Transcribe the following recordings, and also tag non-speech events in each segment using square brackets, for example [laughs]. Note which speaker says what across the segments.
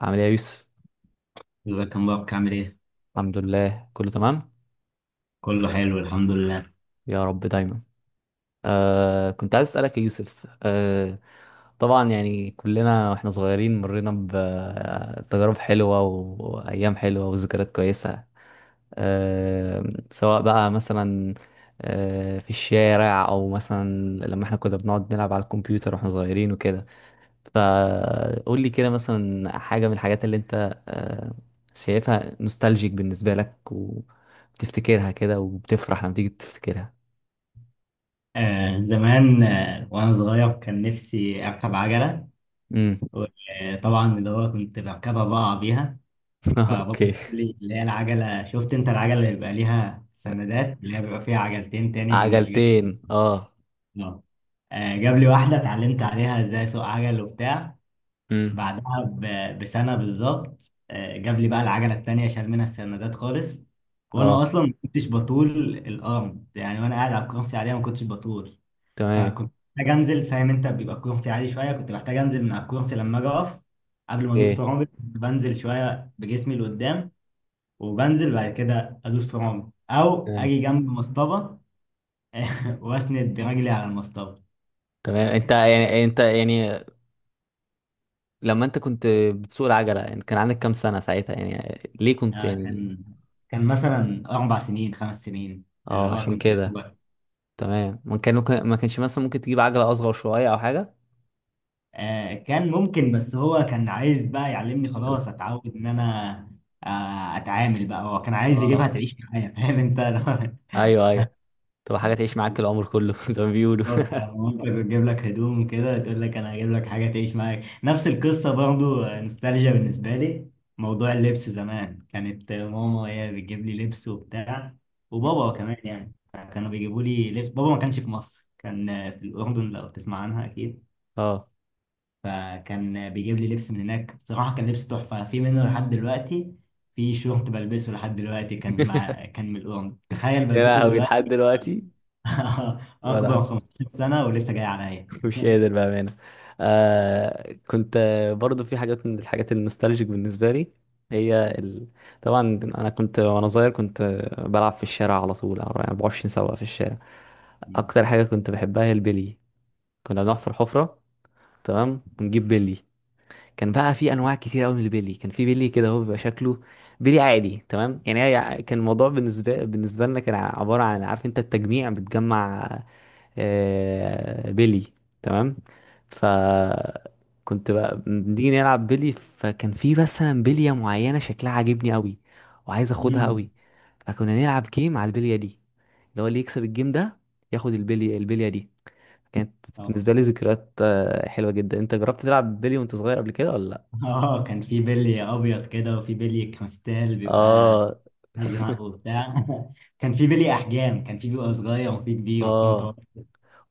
Speaker 1: عامل ايه يا يوسف؟
Speaker 2: ازيك يا مبارك عامل ايه؟
Speaker 1: الحمد لله كله تمام.
Speaker 2: كله حلو الحمد لله.
Speaker 1: يا رب دايما. كنت عايز اسالك يا يوسف. طبعا يعني كلنا واحنا صغيرين مرينا بتجارب حلوه وايام حلوه وذكريات كويسه. آه سواء بقى مثلا في الشارع او مثلا لما احنا كنا بنقعد نلعب على الكمبيوتر واحنا صغيرين وكده. فقول لي كده مثلا حاجة من الحاجات اللي انت آه، شايفها نوستالجيك بالنسبة لك، وبتفتكرها كده وبتفرح لما تيجي تفتكرها.
Speaker 2: زمان وانا صغير كان نفسي اركب عجلة.
Speaker 1: امم
Speaker 2: وطبعا اللي هو كنت بركبها بقع بيها.
Speaker 1: [laughs]
Speaker 2: فبابا
Speaker 1: اوكي.
Speaker 2: جاب لي اللي هي العجلة، شفت انت العجلة اللي بيبقى ليها سندات؟ اللي هي بيبقى فيها عجلتين تاني من الجنب.
Speaker 1: عجلتين اه.
Speaker 2: جاب لي واحدة اتعلمت عليها ازاي اسوق عجل وبتاع.
Speaker 1: امم.
Speaker 2: بعدها بسنة بالظبط جاب لي بقى العجلة التانية شال منها السندات خالص. وانا
Speaker 1: اه.
Speaker 2: اصلا ما كنتش بطول الارم يعني، وانا قاعد على الكرسي عليها ما كنتش بطول.
Speaker 1: تمام.
Speaker 2: فكنت محتاج انزل، فاهم انت بيبقى الكرسي عالي شوية، كنت محتاج انزل من على الكرسي لما اجي اقف. قبل ما ادوس
Speaker 1: ايه.
Speaker 2: فرامل كنت بنزل شوية بجسمي لقدام. وبنزل بعد كده ادوس فرامل او
Speaker 1: تمام.
Speaker 2: اجي جنب مصطبة. [laughs] واسند برجلي على المصطبة.
Speaker 1: تمام. انت يعني، انت يعني لما انت كنت بتسوق العجلة، يعني كان عندك كام سنة ساعتها؟ يعني ليه كنت
Speaker 2: آه،
Speaker 1: يعني؟
Speaker 2: كان كان مثلا اربع سنين خمس سنين. اللي
Speaker 1: اه،
Speaker 2: هو
Speaker 1: عشان
Speaker 2: كنت
Speaker 1: كده. تمام. ما كان ممكن، ما كانش مثلا ممكن تجيب عجلة اصغر شوية او حاجة؟
Speaker 2: كان ممكن، بس هو كان عايز بقى يعلمني خلاص اتعود ان انا اتعامل بقى، هو كان عايز يجيبها
Speaker 1: اه.
Speaker 2: تعيش معايا، فاهم انت
Speaker 1: ايوه ايوه. تبقى حاجة تعيش معاك العمر كله [laughs] زي ما
Speaker 2: [laughs]
Speaker 1: بيقولوا.
Speaker 2: بالظبط،
Speaker 1: [laughs]
Speaker 2: لما مامتك بتجيب لك هدوم كده تقول لك انا هجيب لك حاجه تعيش معاك، نفس القصه برضو. نوستالجيا بالنسبه لي موضوع اللبس زمان. كانت ماما هي بتجيب لي لبس وبتاع، وبابا كمان يعني كانوا بيجيبوا لي لبس. بابا ما كانش في مصر، كان في الاردن، لو تسمع عنها اكيد.
Speaker 1: اه.
Speaker 2: فكان بيجيب لي لبس من هناك، بصراحة كان لبس تحفة، في منه لحد دلوقتي. في شورت بلبسه لحد دلوقتي كان من الأورنج، تخيل
Speaker 1: يا
Speaker 2: بلبسه
Speaker 1: لهوي، لحد
Speaker 2: دلوقتي.
Speaker 1: دلوقتي!
Speaker 2: [laughs] أكبر من
Speaker 1: ولا
Speaker 2: 15 سنة ولسه جاي عليا.
Speaker 1: [laughs] مش
Speaker 2: [laughs]
Speaker 1: قادر بأمانة. كنت برضو في حاجات من الحاجات النوستالجيك بالنسبة لي. هي ال... طبعا أنا كنت وأنا صغير، كنت بلعب في الشارع على طول، على 24 ساعة في الشارع. أكتر حاجة كنت بحبها هي البلي. كنا بنروح في الحفرة. تمام. ونجيب بلي. كان بقى في انواع كتير قوي من البيلي. كان في بيلي كده، هو بيبقى شكله بيلي عادي. تمام. يعني هي كان الموضوع بالنسبه لنا كان عباره عن، عارف انت، التجميع، بتجمع بيلي. تمام. ف كنت بقى بنيجي نلعب بيلي، فكان في مثلا بليه معينه شكلها عاجبني قوي وعايز اخدها
Speaker 2: أمم.
Speaker 1: قوي. فكنا نلعب جيم على البليه دي، اللي هو اللي يكسب الجيم ده ياخد البليه دي. كانت
Speaker 2: اه،
Speaker 1: بالنسبه لي ذكريات حلوه جدا. انت جربت تلعب بلي وانت صغير قبل كده ولا لأ؟
Speaker 2: اه، كان في بلي أبيض كده وفي بلي كريستال بيبقى
Speaker 1: اه.
Speaker 2: أزرق وبتاع. [laughs] كان في بلي أحجام، كان في بيبقى صغير وفي كبير وفي
Speaker 1: اه.
Speaker 2: متوسط.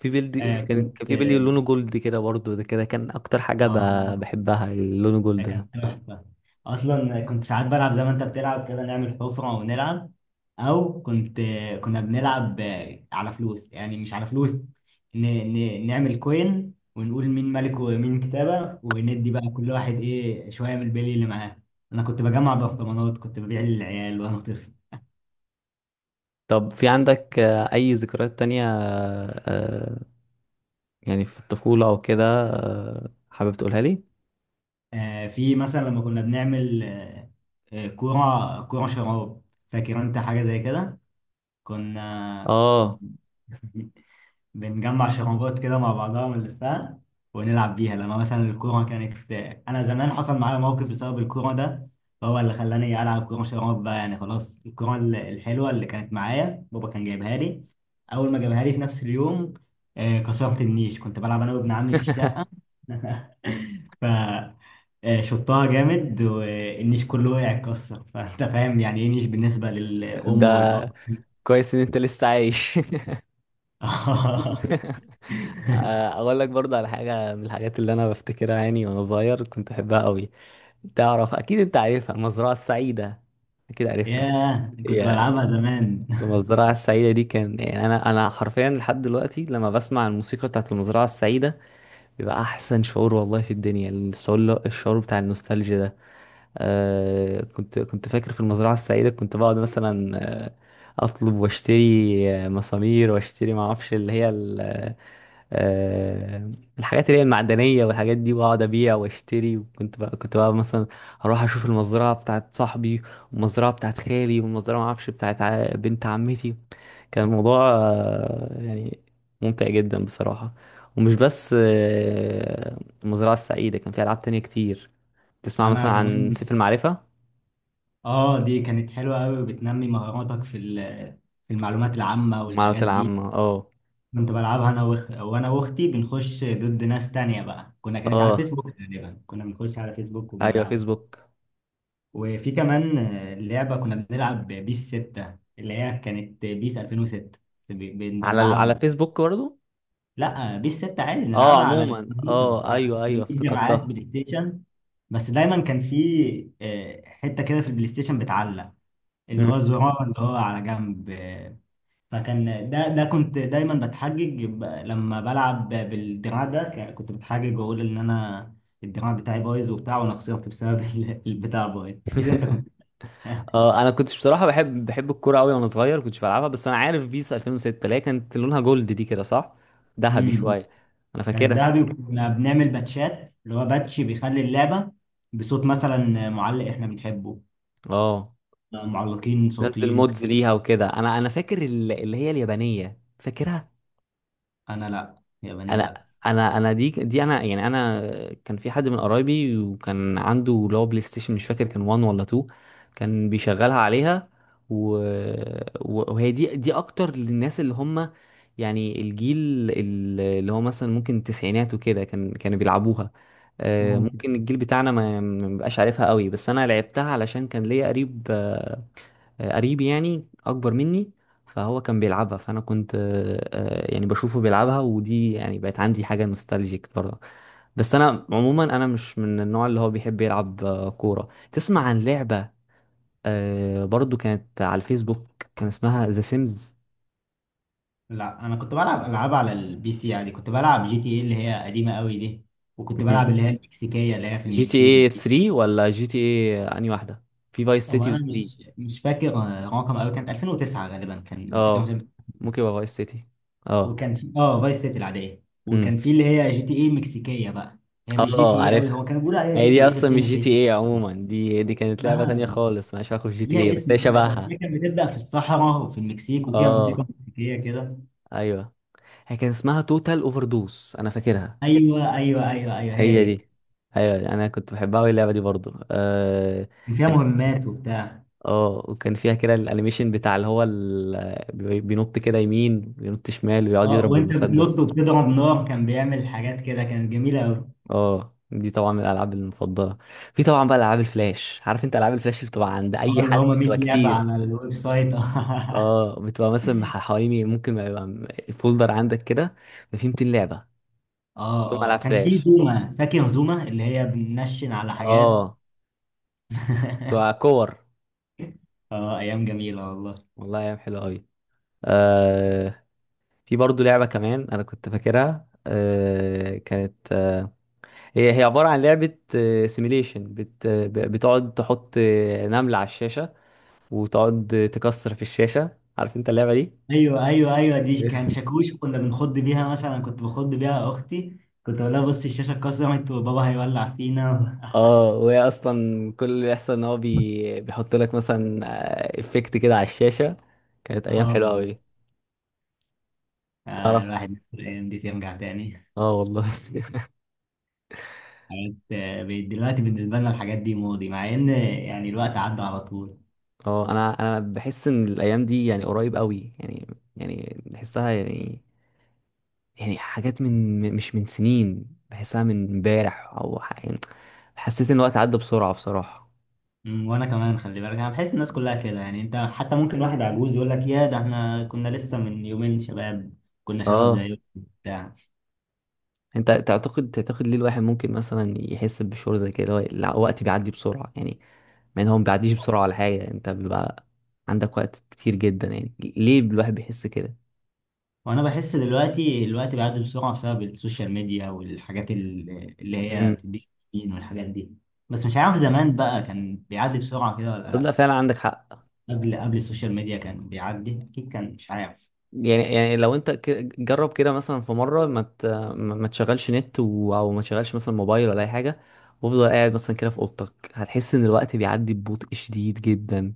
Speaker 1: في بيلد
Speaker 2: آه
Speaker 1: كان،
Speaker 2: كنت
Speaker 1: كان في بيلي
Speaker 2: اه
Speaker 1: لونه جولد كده برضه، ده كده كان اكتر حاجة
Speaker 2: آه.
Speaker 1: بحبها، اللون جولد
Speaker 2: ده
Speaker 1: ده.
Speaker 2: كان تحفة. أصلا كنت ساعات بلعب زي ما أنت بتلعب كده، نعمل حفرة ونلعب. أو كنت كنا بنلعب على فلوس، يعني مش على فلوس، نعمل كوين ونقول مين ملك ومين كتابة، وندي بقى كل واحد إيه شوية من البلي اللي معاه. أنا كنت بجمع برطمانات، كنت ببيع للعيال وأنا طفل.
Speaker 1: طب في عندك اي ذكريات تانية آه، يعني في الطفولة او كده حابب تقولها لي؟
Speaker 2: في مثلا لما كنا بنعمل كورة شراب، فاكر أنت حاجة زي كده؟ كنا
Speaker 1: اه
Speaker 2: [laughs] بنجمع شرابات كده مع بعضها ونلفها ونلعب بيها، لما مثلا الكورة كانت. أنا زمان حصل معايا موقف بسبب الكورة ده، هو اللي خلاني ألعب كورة شراب بقى، يعني خلاص الكورة الحلوة اللي كانت معايا بابا كان جايبها لي، أول ما جابها لي في نفس اليوم كسرت النيش. كنت بلعب أنا وابن عمي في الشقة
Speaker 1: [laughs]
Speaker 2: [laughs] ف آه، شطها جامد والنيش كله وقع اتكسر. [laughs] فأنت فاهم يعني إيه نيش بالنسبة للأم
Speaker 1: ده
Speaker 2: والأب.
Speaker 1: كويس ان انت لسه عايش. [laughs]
Speaker 2: [laughs] [laughs]
Speaker 1: اقول لك برضه على حاجة من الحاجات اللي انا بفتكرها، يعني وانا صغير كنت بحبها قوي. تعرف، اكيد انت عارفها، المزرعة السعيدة، اكيد عارفها.
Speaker 2: ياه، كنت
Speaker 1: يا
Speaker 2: بلعبها زمان.
Speaker 1: المزرعة السعيدة دي، كان يعني أنا حرفيا لحد دلوقتي لما بسمع الموسيقى بتاعت المزرعة السعيدة بيبقى احسن شعور، والله، في الدنيا. الشعور بتاع النوستالجيا ده. كنت فاكر في المزرعة السعيدة كنت بقعد مثلا، آه أطلب واشتري مسامير واشتري، ما اعرفش اللي هي آه الحاجات اللي هي المعدنية والحاجات دي، واقعد أبيع واشتري. وكنت بقى، كنت بقى مثلا أروح أشوف المزرعة بتاعت صاحبي، والمزرعة بتاعت خالي، والمزرعة ما اعرفش بتاعت بنت عمتي. كان الموضوع يعني ممتع جدا بصراحة. ومش بس المزرعة السعيدة، كان في ألعاب تانية كتير.
Speaker 2: [laughs]
Speaker 1: تسمع
Speaker 2: انا
Speaker 1: مثلا عن
Speaker 2: كمان.
Speaker 1: سيف المعرفة؟
Speaker 2: اه، دي كانت حلوه قوي وبتنمي مهاراتك في المعلومات العامه
Speaker 1: المعلومات
Speaker 2: والحاجات دي.
Speaker 1: العامة، اه.
Speaker 2: كنت بلعبها انا وانا واختي، بنخش ضد ناس تانية بقى. كنا كانت على
Speaker 1: اه،
Speaker 2: فيسبوك تقريبا، كنا بنخش على فيسبوك
Speaker 1: ايوه،
Speaker 2: وبنلعبها.
Speaker 1: فيسبوك.
Speaker 2: وفي كمان لعبه كنا بنلعب، بيس 6، اللي هي كانت بيس 2006،
Speaker 1: على ال... على
Speaker 2: بندلعها.
Speaker 1: فيسبوك برضو؟
Speaker 2: لا، بيس 6 عادي،
Speaker 1: اه
Speaker 2: بنلعبها على
Speaker 1: عموما،
Speaker 2: الكمبيوتر
Speaker 1: اه ايوه ايوه،
Speaker 2: فبنجيب دراعات
Speaker 1: افتكرتها.
Speaker 2: بلاي ستيشن. بس دايما كان في حته كده في البلاي ستيشن بتعلق، اللي هو
Speaker 1: مم.
Speaker 2: الزرار اللي هو على جنب فكان ده، كنت دايما بتحجج لما بلعب بالدراع ده كنت بتحجج واقول ان انا الدراع بتاعي بايظ وبتاع، وانا خسرت بسبب [laughs] البتاع بايظ كده، انت كنت.
Speaker 1: [laughs]
Speaker 2: [laughs]
Speaker 1: اه. انا كنتش بصراحة بحب، بحب الكورة قوي وانا صغير، كنتش بلعبها. بس انا عارف بيس 2006، اللي هي كانت لونها جولد دي، كده صح؟ ذهبي
Speaker 2: امم.
Speaker 1: شوية. انا
Speaker 2: كان الدهبي،
Speaker 1: فاكرها.
Speaker 2: وكنا بنعمل باتشات، اللي هو باتش بيخلي اللعبه بصوت مثلا معلق احنا بنحبه.
Speaker 1: اه،
Speaker 2: لا، معلقين
Speaker 1: نزل
Speaker 2: صوتيين
Speaker 1: مودز ليها وكده. انا انا فاكر اللي هي اليابانية، فاكرها.
Speaker 2: انا، لا يابانية
Speaker 1: انا
Speaker 2: لا.
Speaker 1: انا دي انا يعني. انا كان في حد من قرايبي، وكان عنده اللي هو بلاي ستيشن مش فاكر كان 1 ولا 2. كان بيشغلها عليها. و... وهي دي اكتر للناس اللي هم يعني الجيل اللي هو مثلا ممكن التسعينات وكده، كان كانوا بيلعبوها.
Speaker 2: ممكن.
Speaker 1: ممكن الجيل بتاعنا ما بيبقاش عارفها قوي، بس انا لعبتها علشان كان ليا قريب، قريبي يعني اكبر مني. فهو كان بيلعبها، فانا كنت يعني بشوفه بيلعبها، ودي يعني بقت عندي حاجه نوستالجيك برضه. بس انا عموما انا مش من النوع اللي هو بيحب يلعب كوره. تسمع عن لعبه برضه كانت على الفيسبوك، كان اسمها ذا سيمز؟
Speaker 2: لا، انا كنت بلعب العاب على البي سي، يعني كنت بلعب جي تي ايه اللي هي قديمة قوي دي، وكنت بلعب اللي هي المكسيكية اللي هي في
Speaker 1: جي تي
Speaker 2: المكسيك
Speaker 1: اي
Speaker 2: دي.
Speaker 1: 3 ولا جي تي اي انهي واحده؟ في فايس
Speaker 2: هو
Speaker 1: سيتي
Speaker 2: انا
Speaker 1: و3.
Speaker 2: مش فاكر رقم قوي، كانت 2009 غالبا، كان الفيديو مثلا
Speaker 1: اه. ممكن
Speaker 2: 2009.
Speaker 1: يبقى فايس سيتي. اه.
Speaker 2: وكان في فايس سيتي العادية،
Speaker 1: امم.
Speaker 2: وكان في اللي هي جي تي ايه المكسيكية بقى. هي مش جي تي
Speaker 1: اه،
Speaker 2: ايه
Speaker 1: عارف.
Speaker 2: قوي، هو كانوا بيقولوا عليها جي
Speaker 1: هي
Speaker 2: تي
Speaker 1: دي
Speaker 2: ايه
Speaker 1: اصلا
Speaker 2: بس هي
Speaker 1: مش
Speaker 2: ما
Speaker 1: جي
Speaker 2: كانتش
Speaker 1: تي ايه،
Speaker 2: GTA.
Speaker 1: عموما دي، دي كانت لعبة تانية
Speaker 2: اسمها
Speaker 1: خالص مالهاش علاقة بجي تي ايه،
Speaker 2: ليها
Speaker 1: بس هي
Speaker 2: اسم كده، كانت،
Speaker 1: شبهها.
Speaker 2: هي كانت بتبدأ في الصحراء وفي المكسيك، وفيها موسيقى
Speaker 1: اه،
Speaker 2: مكسيكية كده.
Speaker 1: ايوه. هي كان اسمها توتال اوفر دوس، انا فاكرها.
Speaker 2: ايوه، ايوه، ايوه، ايوه، هي
Speaker 1: هي
Speaker 2: دي.
Speaker 1: دي. ايوه، انا كنت بحبها قوي، اللعبة دي برضو.
Speaker 2: كان فيها
Speaker 1: كان.
Speaker 2: مهمات وبتاع.
Speaker 1: اه، وكان فيها كده الانيميشن بتاع، اللي هو ال... بينط كده يمين، بينط شمال، ويقعد
Speaker 2: اه،
Speaker 1: يضرب
Speaker 2: وانت بتنط
Speaker 1: بالمسدس.
Speaker 2: وبتضرب نار، كان بيعمل حاجات كده كانت جميله قوي.
Speaker 1: اه، دي طبعا من الالعاب المفضلة. في طبعا بقى العاب الفلاش، عارف انت العاب الفلاش اللي بتبقى عند
Speaker 2: اه،
Speaker 1: اي
Speaker 2: اللي
Speaker 1: حد
Speaker 2: هما 100
Speaker 1: بتبقى
Speaker 2: لعبه
Speaker 1: كتير.
Speaker 2: على الويب سايت. [laughs] اه.
Speaker 1: اه، بتبقى مثلا حوالي، ممكن ما يبقى الفولدر عندك كده ما فيه 200 لعبه، كلهم على
Speaker 2: اه، كان في
Speaker 1: فلاش.
Speaker 2: زوما، فاكر زوما اللي هي بننشن على حاجات.
Speaker 1: اه، بتبقى
Speaker 2: [laughs]
Speaker 1: كور.
Speaker 2: اه، ايام جميله والله.
Speaker 1: والله ايام حلوه قوي. آه في برضو لعبه كمان انا كنت فاكرها كانت هي عباره عن لعبه سيميليشن، بتقعد تحط نمله على الشاشه وتقعد تكسر في الشاشه، عارف انت اللعبه دي؟
Speaker 2: ايوه، ايوه، ايوه، دي كان
Speaker 1: [laughs]
Speaker 2: شاكوش، كنا بنخض بيها، مثلا كنت بخض بيها اختي، كنت بقول لها بصي الشاشه اتكسرت وبابا هيولع فينا.
Speaker 1: اه. وهي اصلا كل اللي بيحصل ان هو بيحط لك مثلا افكت كده على الشاشه. كانت
Speaker 2: [laughs]
Speaker 1: ايام
Speaker 2: اه،
Speaker 1: حلوه
Speaker 2: بالظبط.
Speaker 1: قوي. تعرف.
Speaker 2: الواحد نفسه الايام دي ترجع تاني.
Speaker 1: اه والله [laughs]
Speaker 2: حاجات بقت دلوقتي بالنسبة لنا الحاجات دي موضي، مع ان يعني الوقت عدى على طول.
Speaker 1: اه، انا انا بحس ان الايام دي يعني قريب قوي، يعني يعني بحسها يعني يعني حاجات من مش من سنين، بحسها من امبارح، او يعني حسيت ان الوقت عدى بسرعه بصراحه.
Speaker 2: وانا كمان خلي بالك، انا بحس الناس كلها كده، يعني انت حتى ممكن واحد عجوز يقول لك يا ده احنا كنا لسه من يومين شباب، كنا شباب
Speaker 1: اه.
Speaker 2: زيكم بتاع
Speaker 1: انت تعتقد، تعتقد ليه الواحد ممكن مثلا يحس بشعور زي كده، اللي هو الوقت بيعدي بسرعه؟ يعني يعني هو ما بيعديش بسرعة ولا حاجة، انت بيبقى عندك وقت كتير جدا، يعني ليه الواحد بيحس كده؟
Speaker 2: وانا بحس دلوقتي الوقت بيعدي بسرعة بسبب السوشيال ميديا والحاجات اللي هي
Speaker 1: امم.
Speaker 2: بتديك دوبامين والحاجات دي. بس مش عارف زمان بقى كان بيعدي بسرعة كده ولا
Speaker 1: لا
Speaker 2: لا.
Speaker 1: فعلا عندك حق.
Speaker 2: قبل السوشيال ميديا كان بيعدي اكيد، كان مش عارف.
Speaker 1: يعني يعني لو انت جرب كده مثلا في مرة ما ت... ما ما تشغلش نت، و... او ما تشغلش مثلا موبايل ولا اي حاجة، وافضل قاعد مثلا كده في اوضتك، هتحس ان الوقت بيعدي ببطء شديد جدا.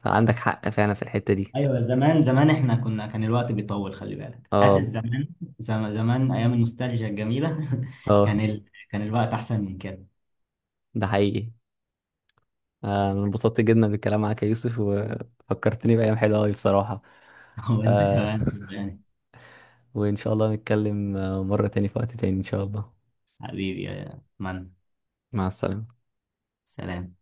Speaker 1: فعندك حق فعلا في الحتة دي.
Speaker 2: ايوه، زمان زمان احنا كنا، كان الوقت بيطول، خلي بالك حاسس
Speaker 1: اه.
Speaker 2: زمان. زمان ايام النوستالجيا الجميله. [laughs]
Speaker 1: اه.
Speaker 2: كان ال... كان الوقت احسن من كده.
Speaker 1: ده حقيقي. انا انبسطت جدا بالكلام معاك يا يوسف، وفكرتني بأيام حلوة أوي بصراحة.
Speaker 2: [laughs] وانت
Speaker 1: آه
Speaker 2: كمان يعني.
Speaker 1: وإن شاء الله نتكلم مرة تاني في وقت تاني، إن شاء الله.
Speaker 2: حبيبي يا من.
Speaker 1: مع السلامة.
Speaker 2: سلام.